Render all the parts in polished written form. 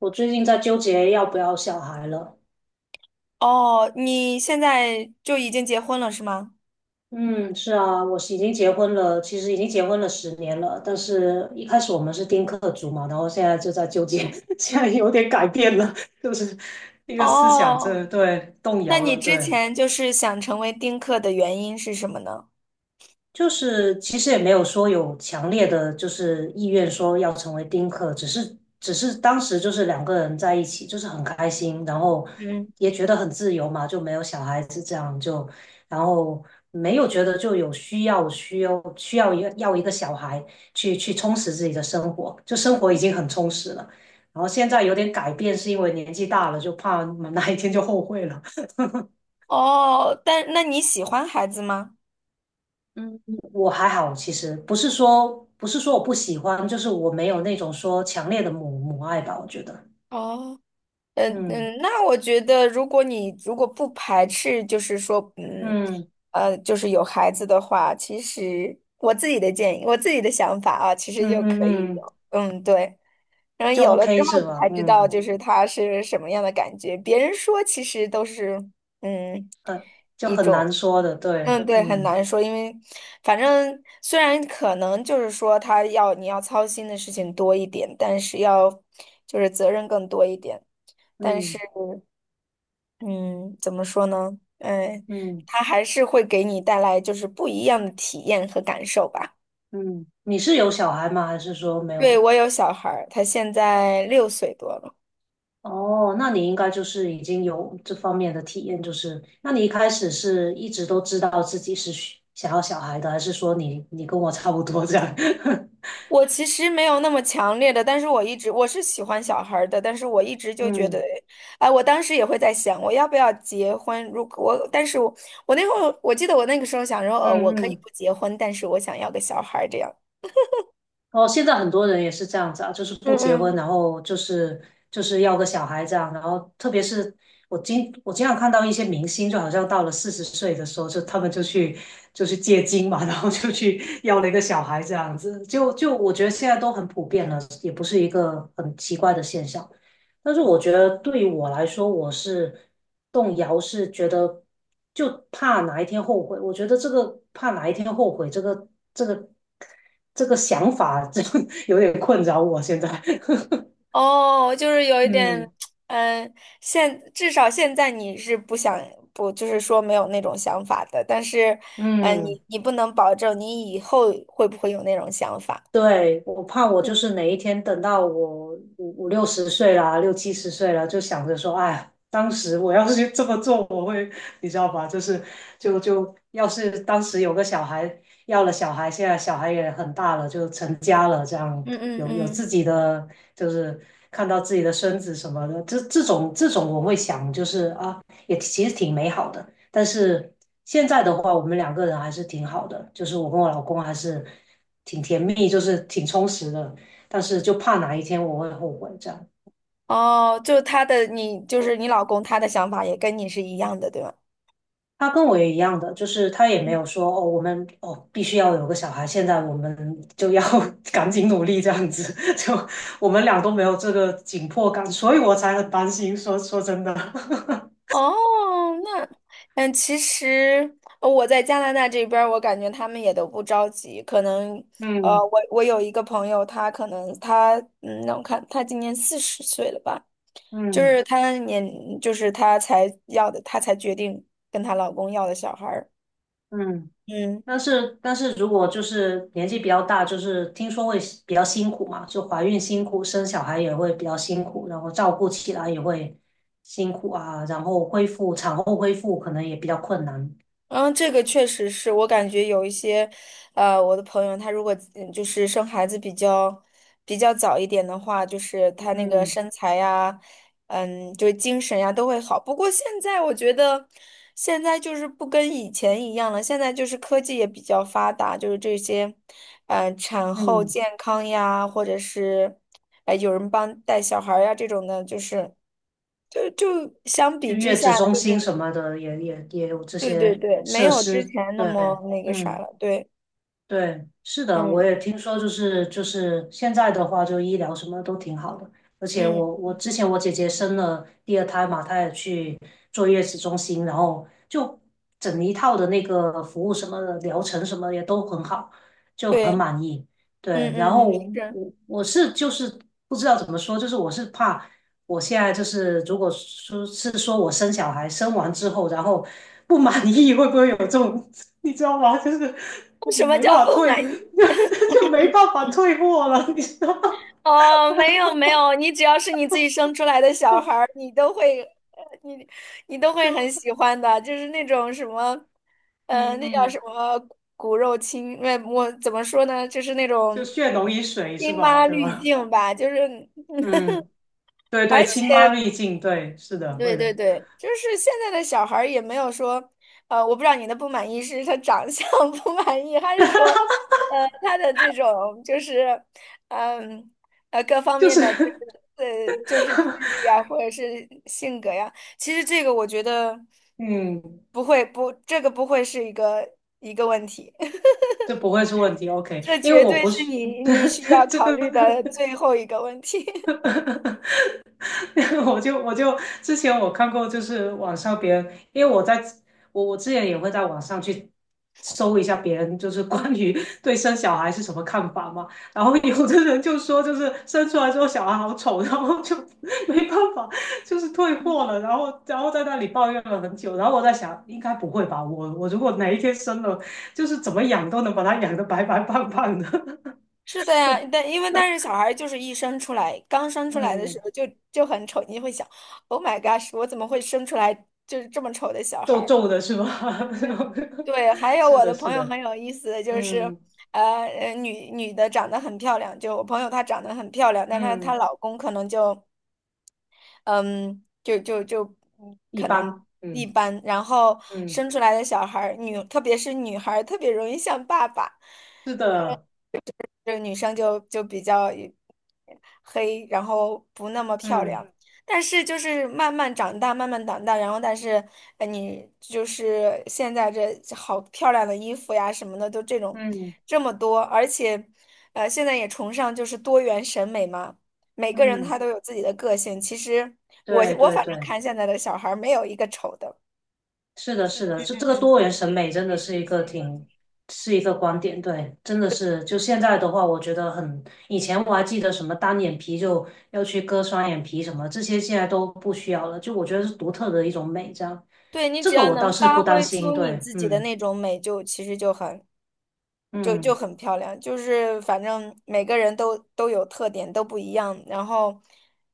我最近在纠结要不要小孩了。哦，你现在就已经结婚了是吗？嗯，是啊，我是已经结婚了，其实已经结婚了10年了，但是一开始我们是丁克族嘛，然后现在就在纠结，现在有点改变了，就是一个思想这哦，对动那摇你了，之对，前就是想成为丁克的原因是什么呢？就是其实也没有说有强烈的就是意愿说要成为丁克，只是当时就是两个人在一起，就是很开心，然后嗯。也觉得很自由嘛，就没有小孩子这样就，然后没有觉得就有需要一个小孩去充实自己的生活，就生活已经很充实了，然后现在有点改变是因为年纪大了，就怕哪一天就后悔了。哦，但那你喜欢孩子吗？嗯，我还好，其实不是说我不喜欢，就是我没有那种说强烈的母爱吧，我觉得，哦，嗯嗯嗯，那我觉得，如果不排斥，就是说，嗯就是有孩子的话，其实我自己的建议，我自己的想法啊，其实就嗯可以嗯嗯，有，对。然后就 有了之 OK 后，是你吧？才知道嗯，就是他是什么样的感觉。别人说其实都是，嗯，就一很难种。说的，对，对，很嗯难说，因为反正虽然可能就是说你要操心的事情多一点，但是就是责任更多一点。但是，嗯嗯，怎么说呢？嗯，嗯他还是会给你带来就是不一样的体验和感受吧。嗯，你是有小孩吗？还是说没对，有？我有小孩儿，他现在六岁多了。哦，那你应该就是已经有这方面的体验，就是那你一开始是一直都知道自己是需想要小孩的，还是说你你跟我差不多这样？我其实没有那么强烈的，但是我一直我是喜欢小孩儿的，但是我一直 就觉得，嗯哎，我当时也会在想，我要不要结婚？如果我，但是我那会儿我记得我那个时候想说，我嗯可以嗯不结婚，但是我想要个小孩儿这样。哦，现在很多人也是这样子啊，就是不嗯结婚，嗯。然后就是要个小孩这样，然后特别是我经常看到一些明星，就好像到了40岁的时候，就他们就去借精嘛，然后就去要了一个小孩这样子，就我觉得现在都很普遍了，也不是一个很奇怪的现象。但是我觉得对于我来说，我是动摇，是觉得就怕哪一天后悔。我觉得这个怕哪一天后悔，这个这个想法，这有点困扰我现在。哦，就是有 一点。嗯嗯，至少现在你是不想，不，就是说没有那种想法的，但是。嗯，嗯。你不能保证你以后会不会有那种想法。对，我怕我就嗯。是哪一天等到我五六十岁啦，六七十岁了，就想着说，哎，当时我要是这么做，我会，你知道吧？就是就要是当时有个小孩，要了小孩，现在小孩也很大了，就成家了，这样嗯嗯有自嗯。己的，就是看到自己的孙子什么的，这种我会想，就是啊，也其实挺美好的。但是现在的话，我们两个人还是挺好的，就是我跟我老公还是。挺甜蜜，就是挺充实的，但是就怕哪一天我会后悔这样。哦，就是你老公，他的想法也跟你是一样的，对吧？他跟我也一样的，就是他也没有说哦，我们哦必须要有个小孩，现在我们就要 赶紧努力这样子，就我们俩都没有这个紧迫感，所以我才很担心。说真的，哦，那，其实我在加拿大这边儿我感觉他们也都不着急。可能，嗯我有一个朋友，他可能他，嗯，让我看，他今年40岁了吧？就嗯是他年，就是他才要的，他才决定跟她老公要的小孩儿。嗯。嗯。但是如果就是年纪比较大，就是听说会比较辛苦嘛，就怀孕辛苦，生小孩也会比较辛苦，然后照顾起来也会辛苦啊，然后恢复产后恢复可能也比较困难。嗯，这个确实是我感觉有一些。我的朋友他如果就是生孩子比较早一点的话，就是他那个嗯身材呀，就是精神呀都会好。不过现在我觉得，现在就是不跟以前一样了，现在就是科技也比较发达，就是这些，产后嗯，健康呀，或者是，有人帮带小孩儿呀这种的，就相比就之月子下中就心是。什么的也有这对对些对，没设有之施，前那么对，那个啥嗯。了。对，对，是的，我嗯也听说，就是现在的话，就医疗什么都挺好的，而且嗯，我之前我姐姐生了第二胎嘛，她也去坐月子中心，然后就整一套的那个服务什么的疗程什么也都很好，就对，很满意。对，嗯然嗯，是。后我是不知道怎么说，就是我是怕。我现在就是，如果说是说我生小孩，生完之后，然后不满意，会不会有这种，你知道吗？就是我什么没办叫法不退，满意？就没办法退货了，你知道吗？哦，没有没有，你只要是你自己生出来的小孩儿，呃你你都会很喜就欢的，就是那种什么，嗯那叫什嗯，么骨肉亲，我怎么说呢？就是那就种血浓于水是亲吧？妈对滤吧？镜吧。就是，嗯，对对，而亲妈且滤镜，对，是的，对会对的，对，就是现在的小孩儿也没有说，我不知道你的不满意是他长相 不满意，还是说，呃，他的这种就是，嗯，各方就面的就是，是 就是智力啊，或者是性格呀，其实这个我觉得 嗯，不会，不，这个不会是一个问题。这不会是问题，OK,这因为绝我对不是是，你需要 这 考虑的最后一个问题。我就之前我看过，就是网上别人，因为我在我之前也会在网上去搜一下别人，就是关于 对生小孩是什么看法嘛。然后有的人就说，就是生出来之后小孩好丑，然后就 没办法，就是退货了，然后在那里抱怨了很久。然后我在想，应该不会吧？我如果哪一天生了，就是怎么养都能把它养得白白胖胖的。是的呀，但因为但是小孩儿就是一生出来，刚生 出来的时嗯，候就很丑，你会想，Oh my gosh，我怎么会生出来就是这么丑的小孩皱儿？皱的是吧？嗯嗯，对，还 有是我的，的朋是友很的，有意思的就是，嗯女的长得很漂亮，就我朋友她长得很漂亮，但她嗯，她老公可能就，嗯，就就就一可能般，一嗯般，然后嗯，生出来的小孩儿，特别是女孩儿特别容易像爸爸，是的，这个女生就比较黑，然后不那么漂嗯亮。但是就是慢慢长大，慢慢长大，然后，但是，你就是现在这好漂亮的衣服呀什么的，都这种嗯这么多。而且，现在也崇尚就是多元审美嘛，每个人嗯，他都有自己的个性。其实我对我对反正对，看现在的小孩儿没有一个丑的。是的，是的，这嗯这个多元审美嗯，真的是一个挺是一个观点，对，真的是就现在的话，我觉得很，以前我还记得什么单眼皮就要去割双眼皮什么，这些现在都不需要了，就我觉得是独特的一种美，这样，对，你这只个要我能倒是发不担挥心，出你对，自己的嗯那种美，就，其实就嗯。很漂亮，就是反正每个人都有特点，都不一样。然后，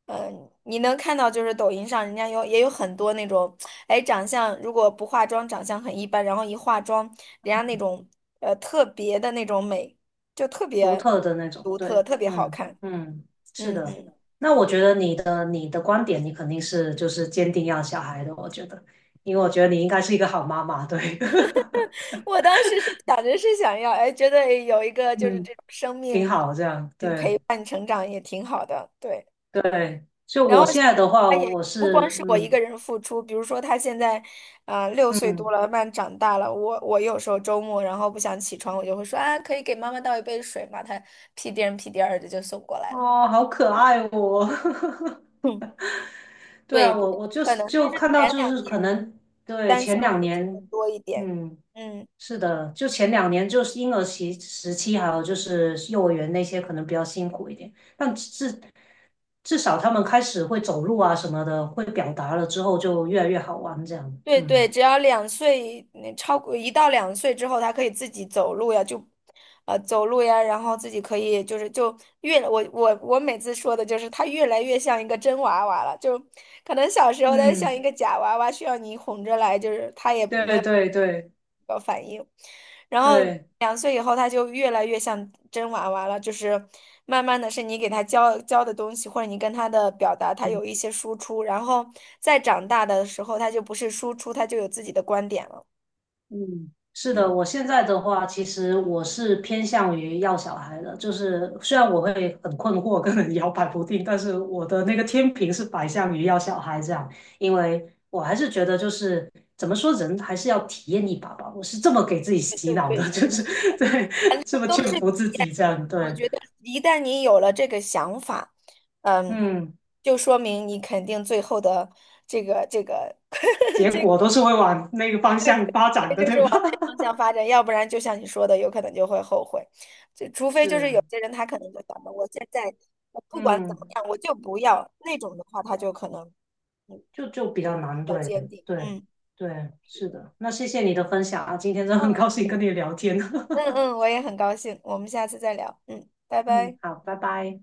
你能看到就是抖音上人家也有很多那种，哎，长相如果不化妆长相很一般，然后一化妆，人家那种特别的那种美，就特独别特的那种，独特，对，特别好嗯看。嗯，是嗯的。嗯，那我觉得你的观点，你肯定是就是坚定要小孩的，我觉得，因为我觉得你应该是一个好妈妈，对，我当时是想着是想要，哎，觉得有一个 就是嗯，这种生挺命好这样，陪对伴成长也挺好的。对，对。就我现在的话，他也我不光是是我一个嗯人付出，比如说他现在，啊，六岁多嗯，了，慢慢长大了。我有时候周末然后不想起床，我就会说啊，可以给妈妈倒一杯水吗？他屁颠儿屁颠儿的就送过来了。哦，好可爱哦，哼。对对啊，对，我就可是能就就是看到前就两是可年能对单前向两付出的年，多一点。嗯。嗯。是的，就前两年就是婴儿期时期，还有就是幼儿园那些可能比较辛苦一点，但至少他们开始会走路啊什么的，会表达了之后就越来越好玩这样。对对，嗯只要两岁，超过1到2岁之后，他可以自己走路呀，然后自己可以就是我每次说的就是他越来越像一个真娃娃了，就可能小时候他像一嗯，个假娃娃，需要你哄着来，就是他也没对有对对你，然后对，两岁以后他就越来越像真娃娃了，就是慢慢的是你给他教教的东西，或者你跟他的表达，他有一些输出，然后再长大的时候，他就不是输出，他就有自己的观点了。嗯，是的，嗯，我现在的话，其实我是偏向于要小孩的，就是虽然我会很困惑跟很摇摆不定，但是我的那个天平是摆向于要小孩这样，因为我还是觉得就是怎么说，人还是要体验一把吧，我是这么给自己对洗对，脑对，是的，就的是 是，对，反这正么都劝是服体自验。己这样，我对，觉得一旦你有了这个想法，嗯，嗯，就说明你肯定最后的这个 结这个果都是会往那个方向发展的，就对是往吧？那方向发展，要不然就像你说的，有可能就会后悔。就 除非就是是，有些人他可能就想着我现在我不管怎嗯。么样，我就不要那种的话，他就可能嗯就比较难，比较对坚定。对嗯对，是的。那谢谢你的分享啊，今天真的很高嗯兴跟你聊天。嗯嗯，我也很高兴，我们下次再聊。嗯，拜 嗯，拜。好，拜拜。